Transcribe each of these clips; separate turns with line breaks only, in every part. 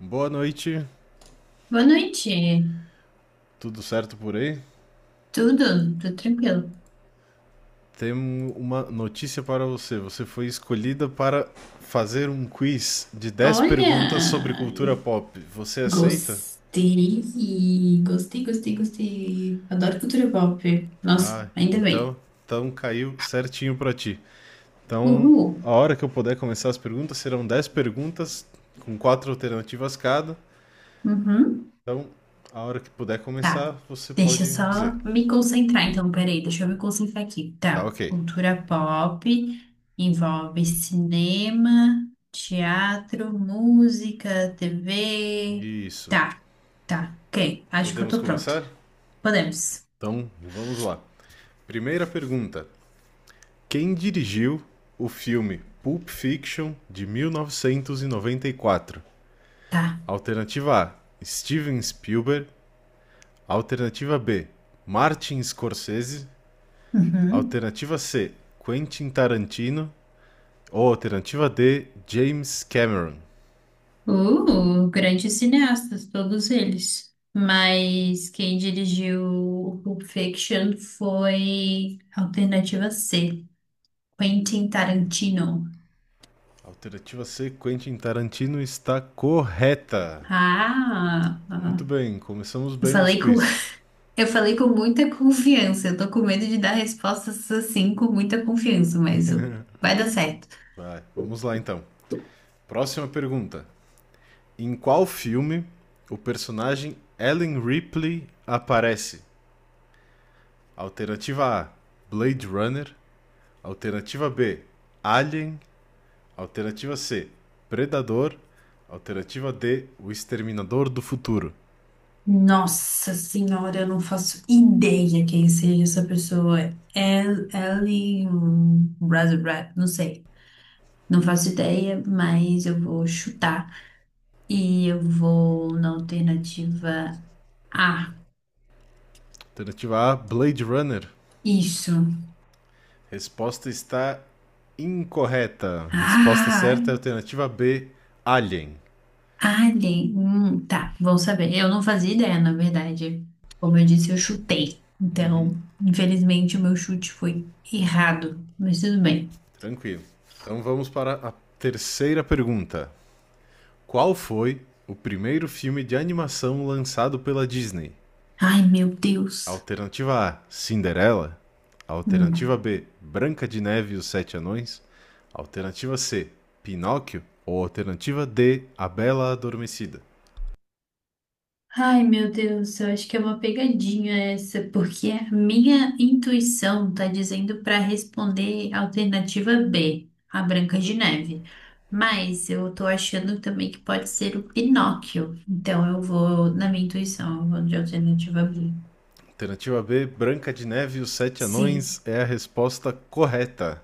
Boa noite,
Boa noite.
tudo certo por aí?
Tudo? Tudo tranquilo.
Temos uma notícia para você. Você foi escolhida para fazer um quiz de 10
Olha,
perguntas sobre cultura pop. Você aceita?
gostei, gostei, gostei, gostei. Adoro cultura pop. Nossa,
Ah,
ainda
então,
bem.
então caiu certinho para ti. Então,
Uhul.
a hora que eu puder começar as perguntas, serão 10 perguntas com quatro alternativas cada.
Uhum.
Então, a hora que puder começar,
Tá.
você
Deixa eu
pode
só
dizer.
me concentrar, então. Peraí, deixa eu me concentrar aqui.
Tá,
Tá.
ok.
Cultura pop envolve cinema, teatro, música, TV.
Isso.
Tá, tá. Ok. Acho que eu
Podemos
tô pronta.
começar?
Podemos.
Então, vamos lá. Primeira pergunta. Quem dirigiu o filme Pulp Fiction de 1994?
Tá.
Alternativa A: Steven Spielberg. Alternativa B: Martin Scorsese.
Uhum.
Alternativa C: Quentin Tarantino. Ou alternativa D: James Cameron.
Grandes cineastas, todos eles. Mas quem dirigiu Pulp Fiction foi Alternativa C, Quentin Tarantino.
Alternativa C: Quentin Tarantino está correta.
Ah,
Muito
ah.
bem, começamos
eu
bem nos
falei com,
quiz.
eu falei com muita confiança. Eu tô com medo de dar respostas assim com muita confiança, mas vai dar certo.
Vai, vamos lá então. Próxima pergunta. Em qual filme o personagem Ellen Ripley aparece? Alternativa A: Blade Runner. Alternativa B: Alien. Alternativa C: Predador. Alternativa D: O Exterminador do Futuro.
Nossa senhora, eu não faço ideia quem seja essa pessoa. É Ellen Brasilbrad, não sei. Não faço ideia, mas eu vou chutar. E eu vou na alternativa A.
Alternativa A: Blade Runner.
Isso.
Resposta está incorreta. Resposta
Ah,
certa é alternativa B: Alien.
alien. Tá, vão saber. Eu não fazia ideia, na verdade. Como eu disse, eu chutei. Então, infelizmente, o meu chute foi errado. Mas tudo bem.
Tranquilo. Então vamos para a terceira pergunta. Qual foi o primeiro filme de animação lançado pela Disney?
Ai, meu Deus.
Alternativa A: Cinderela. Alternativa
Hum.
B: Branca de Neve e os Sete Anões. Alternativa C: Pinóquio. Ou alternativa D: A Bela Adormecida.
Ai, meu Deus, eu acho que é uma pegadinha essa, porque a minha intuição tá dizendo para responder a alternativa B, a Branca de Neve. Mas eu tô achando também que pode ser o Pinóquio. Então eu vou na minha intuição, eu vou de alternativa B.
Alternativa B: Branca de Neve e os Sete
Sim.
Anões é a resposta correta.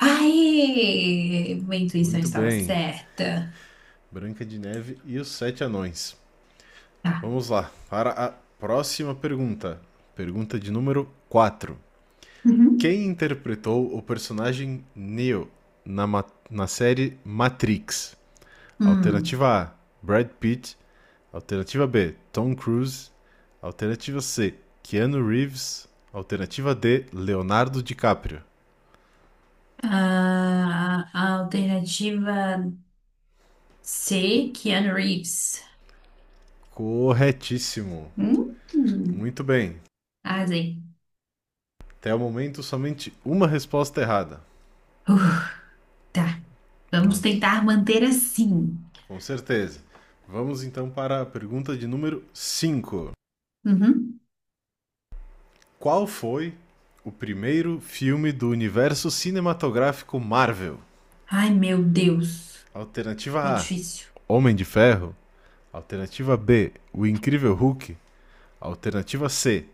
Ai, minha intuição
Muito
estava
bem.
certa.
Branca de Neve e os Sete Anões.
Tá.
Vamos lá para a próxima pergunta. Pergunta de número 4.
Uhum.
Quem interpretou o personagem Neo na, ma- na série Matrix?
Hum.
Alternativa A: Brad Pitt. Alternativa B: Tom Cruise. Alternativa C: Keanu Reeves. Alternativa D: Leonardo DiCaprio.
Ah, a alternativa C, Keanu Reeves.
Corretíssimo.
Hum.
Muito bem.
Arrasei.
Até o momento, somente uma resposta errada.
Uf, tá. Vamos
Mas,
tentar manter assim.
com certeza. Vamos então para a pergunta de número 5.
Uhum.
Qual foi o primeiro filme do universo cinematográfico Marvel?
Ai, meu Deus.
Alternativa
Ficou
A:
difícil.
Homem de Ferro. Alternativa B: O Incrível Hulk. Alternativa C: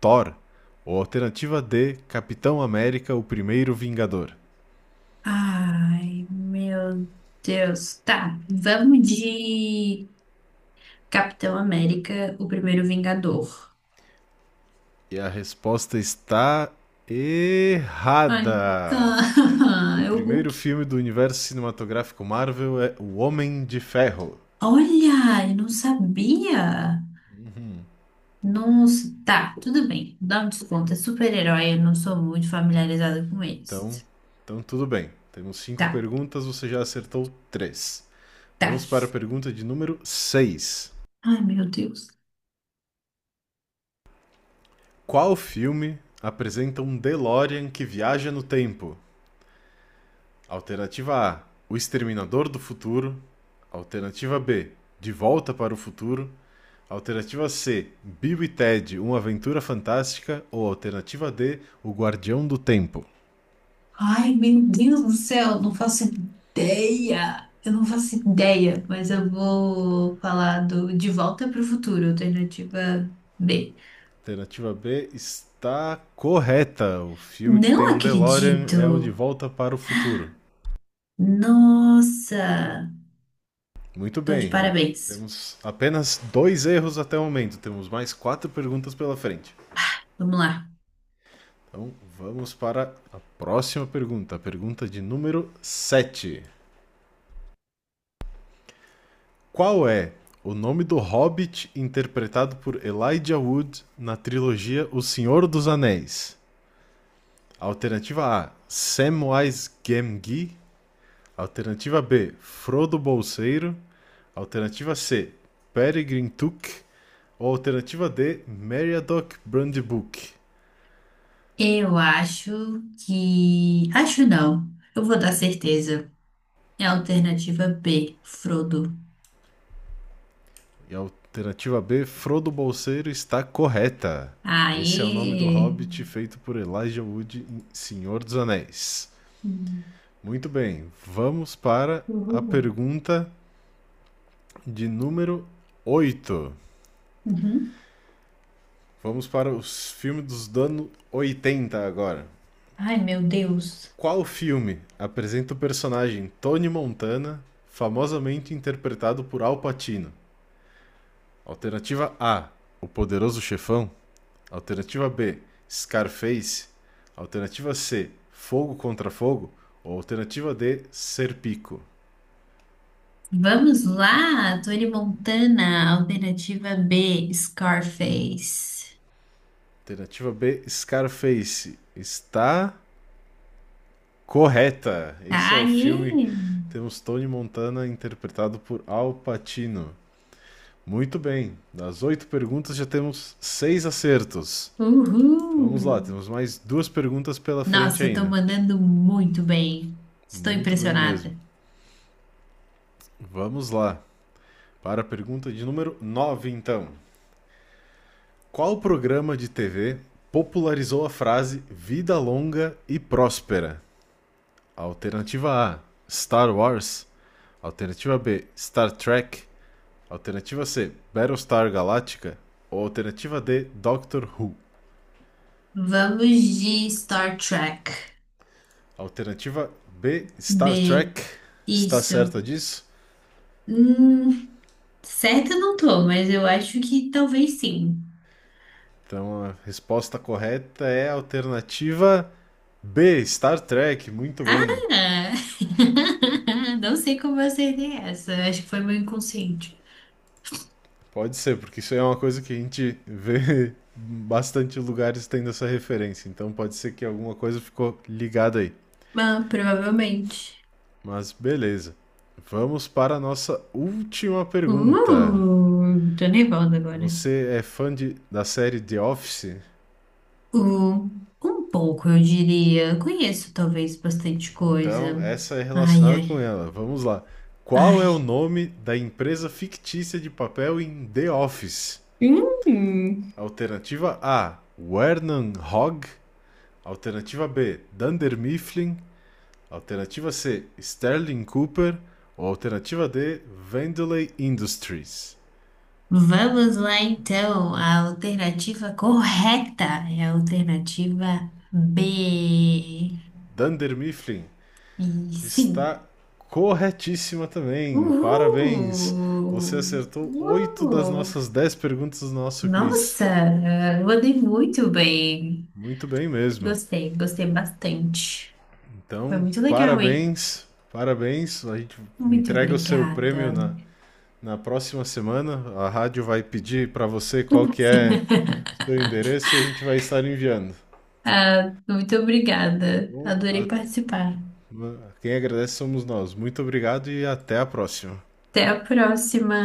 Thor. Ou alternativa D: Capitão América: O Primeiro Vingador.
Ai, meu Deus. Tá. Vamos de Capitão América, o primeiro Vingador.
E a resposta está
Ai.
errada.
Ah,
O
é o
primeiro
Hulk.
filme do universo cinematográfico Marvel é O Homem de Ferro.
Olha, eu não sabia. Nossa, tá, tudo bem. Dá um desconto. É super-herói, eu não sou muito familiarizada com
Então,
eles.
então tudo bem. Temos cinco
Tá,
perguntas, você já acertou três.
tá.
Vamos para a pergunta de número seis.
Ai, meu Deus.
Qual filme apresenta um DeLorean que viaja no tempo? Alternativa A: O Exterminador do Futuro. Alternativa B: De Volta para o Futuro. Alternativa C: Bill e Ted, Uma Aventura Fantástica. Ou alternativa D: O Guardião do Tempo.
Ai, meu Deus do céu, não faço ideia. Eu não faço ideia, mas eu vou falar do De Volta para o Futuro, alternativa B.
Alternativa B está correta. O filme que tem
Não
um DeLorean é o De
acredito.
Volta para o Futuro.
Nossa,
Muito
tô de
bem, ó.
parabéns.
Temos apenas dois erros até o momento. Temos mais quatro perguntas pela frente.
Vamos lá.
Então vamos para a próxima pergunta, a pergunta de número sete. Qual é o nome do hobbit interpretado por Elijah Wood na trilogia O Senhor dos Anéis? Alternativa A: Samwise Gamgee. Alternativa B, Frodo Bolseiro. Alternativa C, Peregrine Took. Ou alternativa D, Meriadoc Brandybuck.
Eu acho que. Acho não. Eu vou dar certeza. É a alternativa B, Frodo.
E a alternativa B, Frodo Bolseiro, está correta. Esse é o nome do
Aê!
hobbit feito por Elijah Wood em Senhor dos Anéis. Muito bem, vamos para a
Uhul.
pergunta de número 8.
Uhum.
Vamos para os filmes dos anos 80 agora.
Ai, meu Deus.
Qual filme apresenta o personagem Tony Montana, famosamente interpretado por Al Pacino? Alternativa A: O Poderoso Chefão. Alternativa B: Scarface. Alternativa C: Fogo contra Fogo. Ou alternativa D: Serpico.
Vamos lá, Tony Montana, alternativa B, Scarface.
Alternativa B: Scarface. Está correta. Esse é o
Aê!
filme. Temos Tony Montana interpretado por Al Pacino. Muito bem. Das oito perguntas já temos seis acertos.
Uhul!
Vamos lá, temos mais duas perguntas pela frente
Nossa, eu tô
ainda.
mandando muito bem. Estou
Muito bem mesmo.
impressionada.
Vamos lá. Para a pergunta de número 9 então. Qual programa de TV popularizou a frase vida longa e próspera? Alternativa A: Star Wars. Alternativa B: Star Trek. Alternativa C: Battlestar Galactica. Ou alternativa D: Doctor Who.
Vamos de Star Trek.
Alternativa B, Star
B,
Trek. Está
isso.
certa disso?
Hum, certa eu não tô, mas eu acho que talvez sim.
Então a resposta correta é a alternativa B, Star Trek. Muito
Ah!
bem.
Não sei como eu acertei essa. Acho que foi meu inconsciente.
Pode ser, porque isso é uma coisa que a gente vê bastante lugares tendo essa referência. Então pode ser que alguma coisa ficou ligada aí.
Ah, provavelmente.
Mas beleza. Vamos para a nossa última pergunta.
Tô nervosa agora.
Você é fã de, da série The Office?
Uh, um pouco, eu diria. Conheço talvez bastante
Então,
coisa.
essa é
Ai,
relacionada com
ai,
ela. Vamos lá. Qual é o
ai.
nome da empresa fictícia de papel em The Office?
Hum,
Alternativa A: Wernan Hogg. Alternativa B: Dunder Mifflin. Alternativa C: Sterling Cooper. Ou alternativa D: Vandalay Industries.
vamos lá então. A alternativa correta é a alternativa B.
Dunder Mifflin
E sim.
está corretíssima também. Parabéns! Você
Uhul!
acertou 8 das
Uhul!
nossas 10 perguntas do nosso quiz.
Nossa, eu andei muito bem.
Muito bem mesmo.
Gostei, gostei bastante. Foi
Então,
muito legal, hein?
parabéns, parabéns. A gente
Muito
entrega o seu prêmio
obrigada.
na próxima semana. A rádio vai pedir para você qual que é o seu endereço e a gente vai estar enviando.
Muito obrigada.
Bom,
Adorei participar.
quem agradece somos nós. Muito obrigado e até a próxima.
Até a próxima.